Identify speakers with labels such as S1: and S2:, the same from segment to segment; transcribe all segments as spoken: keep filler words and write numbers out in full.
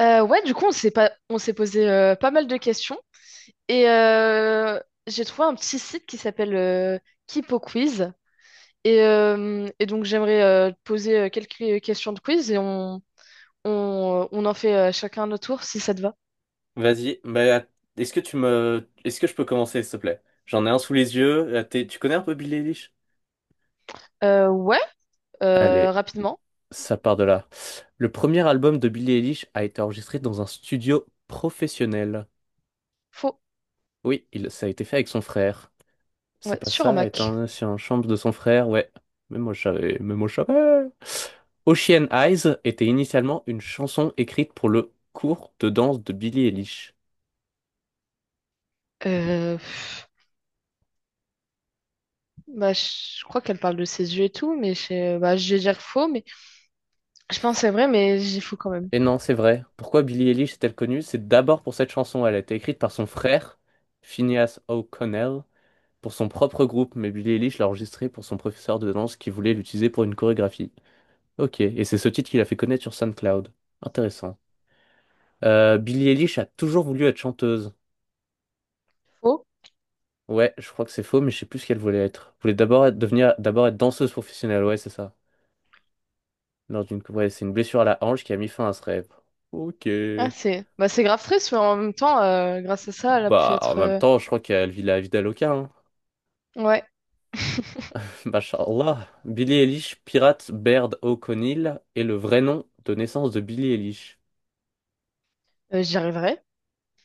S1: Euh, ouais, du coup, on s'est pas... on s'est posé euh, pas mal de questions et euh, j'ai trouvé un petit site qui s'appelle euh, Kipo Quiz. Et, euh, et donc, j'aimerais euh, te poser euh, quelques euh, questions de quiz et on, on, on en fait euh, chacun notre tour si ça te va.
S2: Vas-y, bah, est-ce que tu me, est-ce que je peux commencer, s'il te plaît? J'en ai un sous les yeux. là, t'es- Tu connais un peu Billie Eilish?
S1: Euh, ouais, euh,
S2: Allez,
S1: rapidement.
S2: ça part de là. Le premier album de Billie Eilish a été enregistré dans un studio professionnel.
S1: Faux.
S2: Oui, il, ça a été fait avec son frère. C'est
S1: Ouais,
S2: pas
S1: sur un
S2: ça,
S1: Mac.
S2: étant sur une chambre de son frère, ouais. Même moi, je savais, même moi, je savais. Ocean Eyes était initialement une chanson écrite pour le cours de danse de Billie Eilish.
S1: Euh, pff, Bah, je crois qu'elle parle de ses yeux et tout, mais je, bah, je vais dire faux, mais je pense que c'est vrai, mais j'ai faux quand même.
S2: Et non, c'est vrai. Pourquoi Billie Eilish est-elle connue? C'est d'abord pour cette chanson. Elle a été écrite par son frère, Phineas O'Connell, pour son propre groupe, mais Billie Eilish l'a enregistrée pour son professeur de danse qui voulait l'utiliser pour une chorégraphie. Ok, et c'est ce titre qui l'a fait connaître sur SoundCloud. Intéressant. Euh, Billie Eilish a toujours voulu être chanteuse.
S1: Faux.
S2: Ouais, je crois que c'est faux, mais je sais plus ce qu'elle voulait être. Elle voulait d'abord être- devenir, d'abord être danseuse professionnelle, ouais, c'est ça. Lors d'une, ouais, c'est une blessure à la hanche qui a mis fin à ce rêve. Ok.
S1: Ah, c'est bah, c'est grave triste, mais en même temps, euh, grâce à ça, elle a pu
S2: Bah, en
S1: être.
S2: même
S1: euh,
S2: temps, je crois qu'elle vit la vie d'Aloca.
S1: Ouais,
S2: Mashallah. Billy Eilish, pirate Baird O'Connell, est le vrai nom de naissance de Billy Eilish.
S1: Euh, j'y arriverai.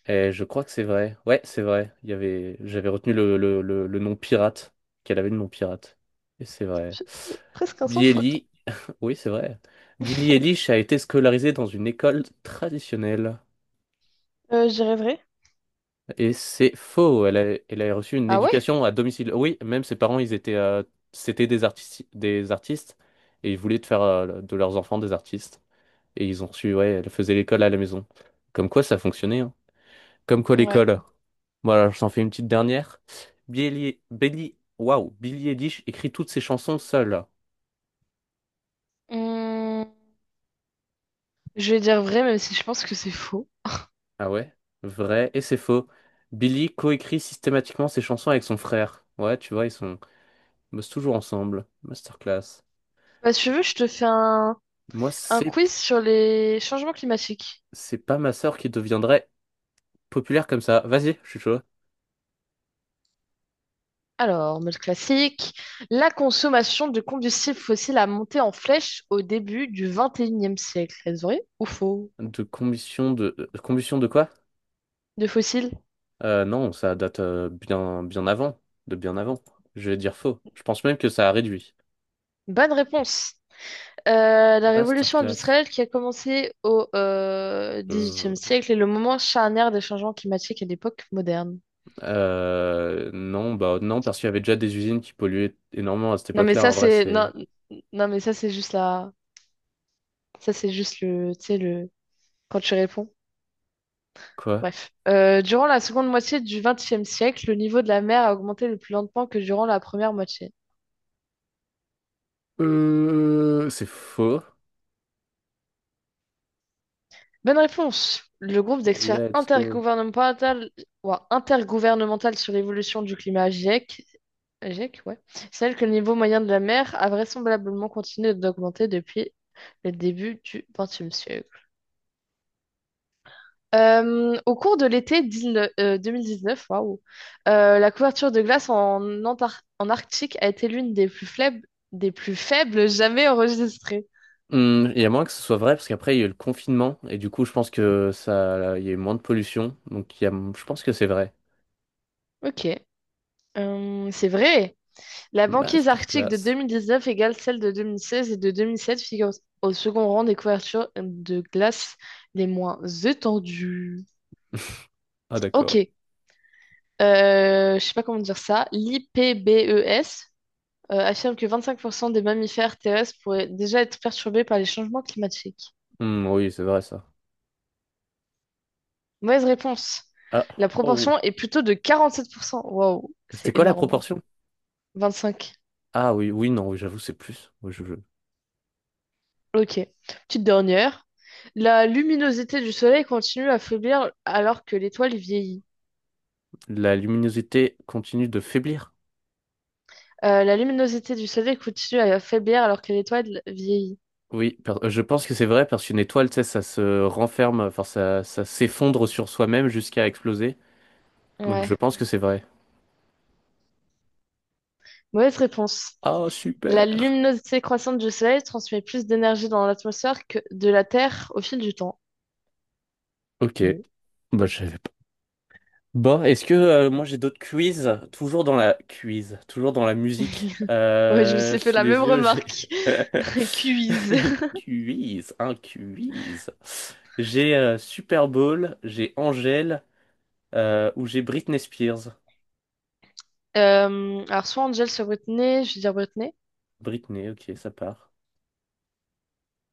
S2: Et je crois que c'est vrai. Ouais, c'est vrai. Il y avait, j'avais retenu le, le, le, le nom pirate, qu'elle avait le nom pirate. Et c'est vrai.
S1: C'est presque un sans
S2: Billie
S1: faute, hein.
S2: Eilish, oui, c'est vrai. Billie Eilish a été scolarisée dans une école traditionnelle.
S1: Euh, j'y arriverai.
S2: Et c'est faux. Elle a, elle a reçu une
S1: Ah ouais?
S2: éducation à domicile. Oui, même ses parents, ils étaient, euh, c'était des artistes, des artistes, et ils voulaient faire euh, de leurs enfants des artistes. Et ils ont reçu, ouais, elle faisait l'école à la maison. Comme quoi, ça fonctionnait, hein. Comme quoi,
S1: Ouais.
S2: l'école. Voilà, je t'en fais une petite dernière. Billy, Billy, waouh, Billy Eilish écrit toutes ses chansons seule.
S1: Hum, je vais dire vrai, même si je pense que c'est faux.
S2: Ah ouais? Vrai, et c'est faux. Billy coécrit systématiquement ses chansons avec son frère. Ouais, tu vois, ils sont, ils bossent toujours ensemble. Masterclass.
S1: Bah, si tu veux, je te fais un,
S2: Moi,
S1: un
S2: c'est,
S1: quiz sur les changements climatiques.
S2: c'est pas ma sœur qui deviendrait populaire comme ça. Vas-y, je suis chaud.
S1: Alors, mode classique. La consommation de combustibles fossiles a monté en flèche au début du vingt et unième siècle. Est-ce vrai ou faux?
S2: De combustion de, de combustion de quoi?
S1: De fossiles?
S2: Euh, non, ça date euh, bien, bien avant, de bien avant. Je vais dire faux. Je pense même que ça a réduit.
S1: Bonne réponse. Euh, la révolution
S2: Masterclass.
S1: industrielle qui a commencé au euh,
S2: Euh,
S1: dix-huitième siècle est le moment charnière des changements climatiques à l'époque moderne.
S2: euh, non, bah non, parce qu'il y avait déjà des usines qui polluaient énormément à cette
S1: Non mais
S2: époque-là.
S1: ça
S2: En vrai,
S1: c'est non,
S2: c'est
S1: non mais ça c'est juste la ça c'est juste le tu sais le quand tu réponds.
S2: quoi?
S1: Bref. Euh, durant la seconde moitié du vingtième siècle, le niveau de la mer a augmenté le plus lentement que durant la première moitié.
S2: Euh, c'est faux.
S1: Bonne réponse. Le groupe d'experts
S2: Let's go.
S1: intergouvernemental, ouah, intergouvernemental sur l'évolution du climat, GIEC, GIEC, ouais. Celle que le niveau moyen de la mer a vraisemblablement continué d'augmenter depuis le début du vingtième siècle. Euh, au cours de l'été 19 euh, deux mille dix-neuf, waouh, euh, la couverture de glace en, Antar- en Arctique a été l'une des plus faibles, des plus faibles jamais enregistrées.
S2: Hum, Il y a moins que ce soit vrai parce qu'après il y a eu le confinement et du coup je pense que ça, il y a eu moins de pollution donc il y a, je pense que c'est vrai.
S1: Ok, Euh, c'est vrai. La banquise arctique de
S2: Masterclass.
S1: deux mille dix-neuf égale celle de deux mille seize et de deux mille sept figure au second rang des couvertures de glace les moins étendues.
S2: Ah d'accord.
S1: Ok, euh, je sais pas comment dire ça, l'I P B E S euh, affirme que vingt-cinq pour cent des mammifères terrestres pourraient déjà être perturbés par les changements climatiques.
S2: Hum, oui, c'est vrai ça.
S1: Mauvaise réponse.
S2: Ah,
S1: La
S2: oh.
S1: proportion est plutôt de quarante-sept pour cent. Waouh, c'est
S2: C'était quoi la
S1: énorme, hein.
S2: proportion?
S1: vingt-cinq.
S2: Ah oui, oui, non, oui, j'avoue, c'est plus. Oui, je- je-
S1: Ok. Petite dernière. La luminosité du soleil continue à faiblir alors que l'étoile vieillit.
S2: La luminosité continue de faiblir.
S1: Euh, la luminosité du soleil continue à faiblir alors que l'étoile vieillit.
S2: Oui, par- je pense que c'est vrai parce qu'une étoile, tu sais, ça se renferme, enfin, ça, ça s'effondre sur soi-même jusqu'à exploser. Donc
S1: Ouais.
S2: je pense que c'est vrai.
S1: Mauvaise réponse.
S2: Ah,
S1: La
S2: super!
S1: luminosité croissante du soleil transmet plus d'énergie dans l'atmosphère que de la Terre au fil du temps.
S2: Ok,
S1: Bon.
S2: bah, je savais. Bon, est-ce que euh, moi j'ai d'autres quiz, toujours dans la quiz, toujours dans la musique.
S1: Ouais, je me
S2: Euh,
S1: suis fait
S2: sous
S1: la même
S2: les yeux, j'ai
S1: remarque. Quiz.
S2: quiz, un quiz. J'ai euh, Super Bowl, j'ai Angèle euh, ou j'ai Britney Spears.
S1: Euh, alors, soit Angel, soit Britney. Je vais dire Britney.
S2: Britney, ok, ça part.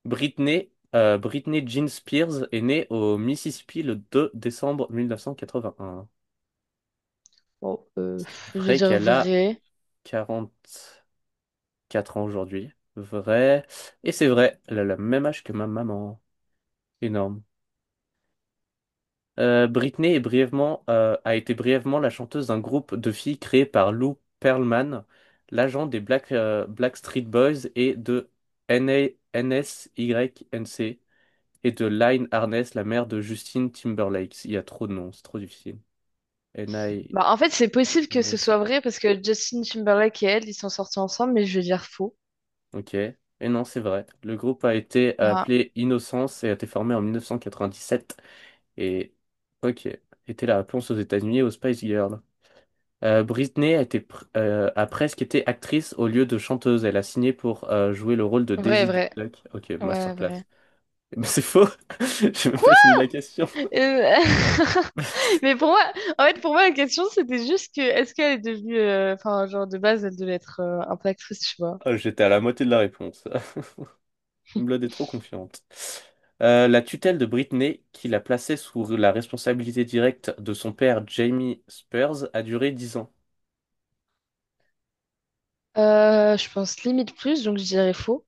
S2: Britney, euh, Britney Jean Spears est née au Mississippi le deux décembre mille neuf cent quatre-vingt-un.
S1: Bon, euh,
S2: Ce qui
S1: pff, je vais
S2: ferait
S1: dire
S2: qu'elle a
S1: vrai.
S2: quarante. Quatre ans aujourd'hui. Vrai. Et c'est vrai, elle a le même âge que ma maman. Énorme. Euh, Britney est brièvement, euh, a été brièvement la chanteuse d'un groupe de filles créé par Lou Pearlman, l'agent des Black, euh, Black Street Boys et de N N A N S Y N C et de Lyne Arness, la mère de Justin Timberlake. Il y a trop de noms, c'est trop difficile. N N A
S1: Bah, en fait, c'est possible que
S2: N
S1: ce
S2: S.
S1: soit vrai parce que Justin Timberlake et elle, ils sont sortis ensemble, mais je vais dire faux.
S2: Ok. Et non, c'est vrai. Le groupe a été
S1: Ah,
S2: appelé Innocence et a été formé en mille neuf cent quatre-vingt-dix-sept. Et ok, était la réponse aux États-Unis et aux Spice Girls. Euh, Britney a, été pr- euh, a presque été actrice au lieu de chanteuse. Elle a signé pour euh, jouer le rôle de
S1: vrai,
S2: Daisy
S1: vrai.
S2: Duck. Ok,
S1: Ouais,
S2: masterclass.
S1: vrai.
S2: Mais c'est faux. J'ai même pas
S1: Quoi?
S2: fini la question.
S1: Euh, Mais pour moi, en fait, pour moi, la question, c'était juste que, est-ce qu'elle est devenue, euh, enfin, genre, de base, elle devait être euh, un peu actrice, tu vois.
S2: Oh, j'étais à la moitié de la réponse. Blood est trop confiante. Euh, la tutelle de Britney, qui la plaçait sous la responsabilité directe de son père Jamie Spears, a duré dix ans.
S1: Euh, je pense limite plus, donc je dirais faux.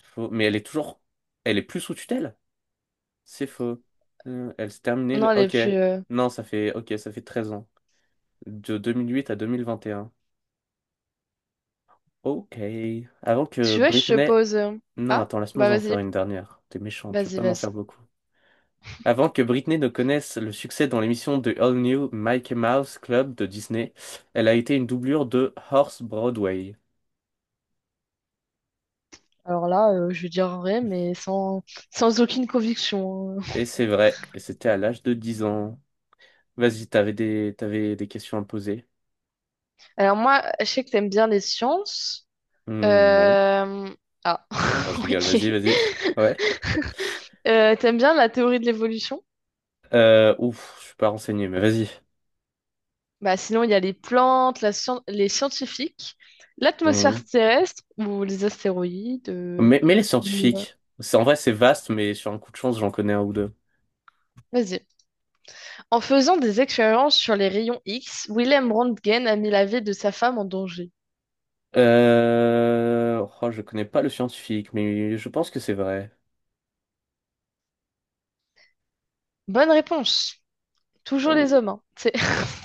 S2: Faux. Mais elle est toujours… Elle est plus sous tutelle? C'est faux. Euh, elle s'est terminée
S1: Non,
S2: le…
S1: elle est
S2: Ok.
S1: plus, euh,
S2: Non, ça fait… Ok, ça fait treize ans. De deux mille huit à deux mille vingt et un. Ok. Avant que
S1: tu vois, je te
S2: Britney…
S1: pose, euh,
S2: Non,
S1: ah,
S2: attends,
S1: bah,
S2: laisse-moi en faire
S1: vas-y,
S2: une dernière. T'es méchant, tu peux
S1: vas-y,
S2: pas m'en
S1: vas-y.
S2: faire beaucoup. Avant que Britney ne connaisse le succès dans l'émission de All New Mickey Mouse Club de Disney, elle a été une doublure de Horse Broadway.
S1: Alors là, euh, je vais dire vrai, mais sans, sans aucune conviction, hein.
S2: Et c'est vrai. Et c'était à l'âge de dix ans. Vas-y, t'avais des... t'avais des questions à me poser?
S1: Alors moi, je sais que t'aimes bien les sciences.
S2: Hmm, non.
S1: Euh, Ah,
S2: Non, je rigole.
S1: ok.
S2: Vas-y, vas-y. Ouais.
S1: Euh, t'aimes bien la théorie de l'évolution?
S2: Euh, ouf, je suis pas renseigné, mais vas-y.
S1: Bah, sinon, il y a les plantes, la scien- les scientifiques, l'atmosphère
S2: Mhm.
S1: terrestre ou les astéroïdes. euh,
S2: Mais, mais les
S1: les-
S2: scientifiques, c'est en vrai c'est vaste, mais sur un coup de chance j'en connais un ou deux.
S1: Vas-y. En faisant des expériences sur les rayons X, Willem Röntgen a mis la vie de sa femme en danger.
S2: Euh... Oh, je connais pas le scientifique, mais je pense que c'est vrai.
S1: Bonne réponse. Toujours les
S2: Oh,
S1: hommes, hein. C'est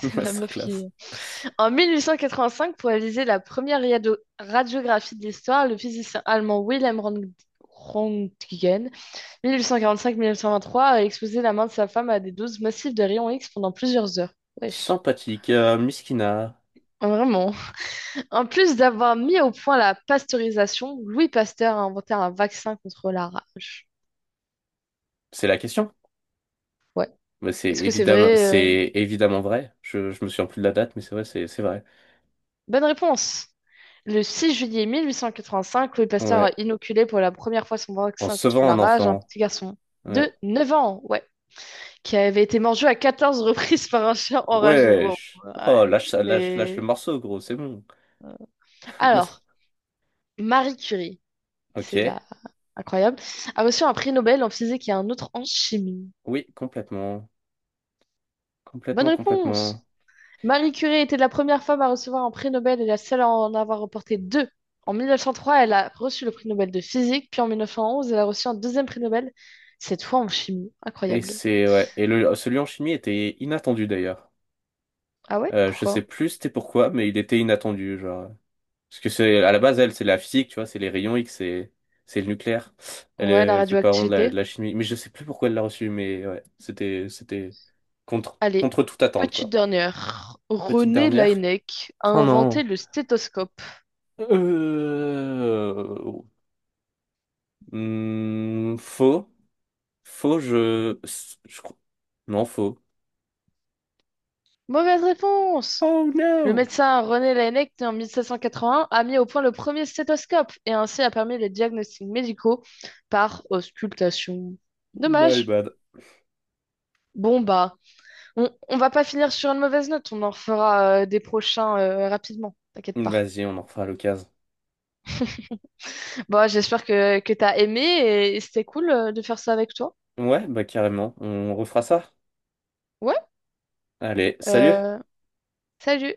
S1: c'est la meuf
S2: masterclass.
S1: qui... En mille huit cent quatre-vingt-cinq, pour réaliser la première radio- radiographie de l'histoire, le physicien allemand Willem Röntgen mille huit cent quarante-cinq-mille neuf cent vingt-trois a exposé la main de sa femme à des doses massives de rayons X pendant plusieurs heures. Wesh.
S2: Sympathique, euh, Miskina.
S1: Vraiment. En plus d'avoir mis au point la pasteurisation, Louis Pasteur a inventé un vaccin contre la rage.
S2: C'est la question.
S1: Ouais.
S2: Mais c'est
S1: Est-ce que c'est
S2: évidemment,
S1: vrai? euh
S2: c'est évidemment vrai. Je, je me souviens plus de la date, mais c'est vrai, c'est, c'est vrai.
S1: Bonne réponse. Le six juillet mille huit cent quatre-vingt-cinq, Louis Pasteur a
S2: Ouais.
S1: inoculé pour la première fois son
S2: En
S1: vaccin contre
S2: sauvant
S1: la
S2: un
S1: rage à un
S2: enfant.
S1: petit garçon de
S2: Ouais.
S1: neuf ans, ouais, qui avait été mordu à quatorze reprises par un chien enragé. Wow.
S2: Wesh. Oh,
S1: Ouais,
S2: lâche ça, lâche, lâche le
S1: mais...
S2: morceau, gros, c'est bon.
S1: euh. Alors, Marie Curie.
S2: Ok.
S1: C'est la Incroyable. A reçu un prix Nobel en physique et un autre en chimie.
S2: Oui, complètement.
S1: Bonne
S2: Complètement,
S1: réponse.
S2: complètement.
S1: Marie Curie était la première femme à recevoir un prix Nobel et la seule à en avoir remporté deux. En mille neuf cent trois, elle a reçu le prix Nobel de physique, puis en mille neuf cent onze, elle a reçu un deuxième prix Nobel, cette fois en chimie.
S2: Et
S1: Incroyable.
S2: c'est ouais. Et le celui en chimie était inattendu d'ailleurs.
S1: Ah ouais?
S2: Euh, je sais
S1: Pourquoi?
S2: plus c'était pourquoi, mais il était inattendu, genre. Parce que c'est à la base elle, c'est la physique, tu vois, c'est les rayons X, c'est c'est le nucléaire. Elle,
S1: Ouais, la
S2: euh, elle fait pas vraiment de la, de
S1: radioactivité.
S2: la chimie, mais je sais plus pourquoi elle l'a reçu, mais ouais, c'était c'était contre
S1: Allez,
S2: contre toute attente
S1: petite
S2: quoi.
S1: dernière.
S2: Petite
S1: René
S2: dernière.
S1: Laennec a
S2: Oh
S1: inventé
S2: non.
S1: le stéthoscope.
S2: Euh... hmm, faux, faux, je, je, crois- non faux.
S1: Mauvaise réponse!
S2: Oh
S1: Le
S2: no,
S1: médecin René Laennec, né en mille sept cent quatre-vingt-un, a mis au point le premier stéthoscope et ainsi a permis les diagnostics médicaux par auscultation.
S2: my
S1: Dommage.
S2: bad.
S1: Bon bah, on, on va pas finir sur une mauvaise note, on en fera euh, des prochains euh, rapidement, t'inquiète pas.
S2: Vas-y, on en refera à l'occasion.
S1: Bon, j'espère que, que t'as aimé et, et c'était cool euh, de faire ça avec toi.
S2: Ouais, bah carrément, on refera ça.
S1: Ouais,
S2: Allez, salut!
S1: euh, salut!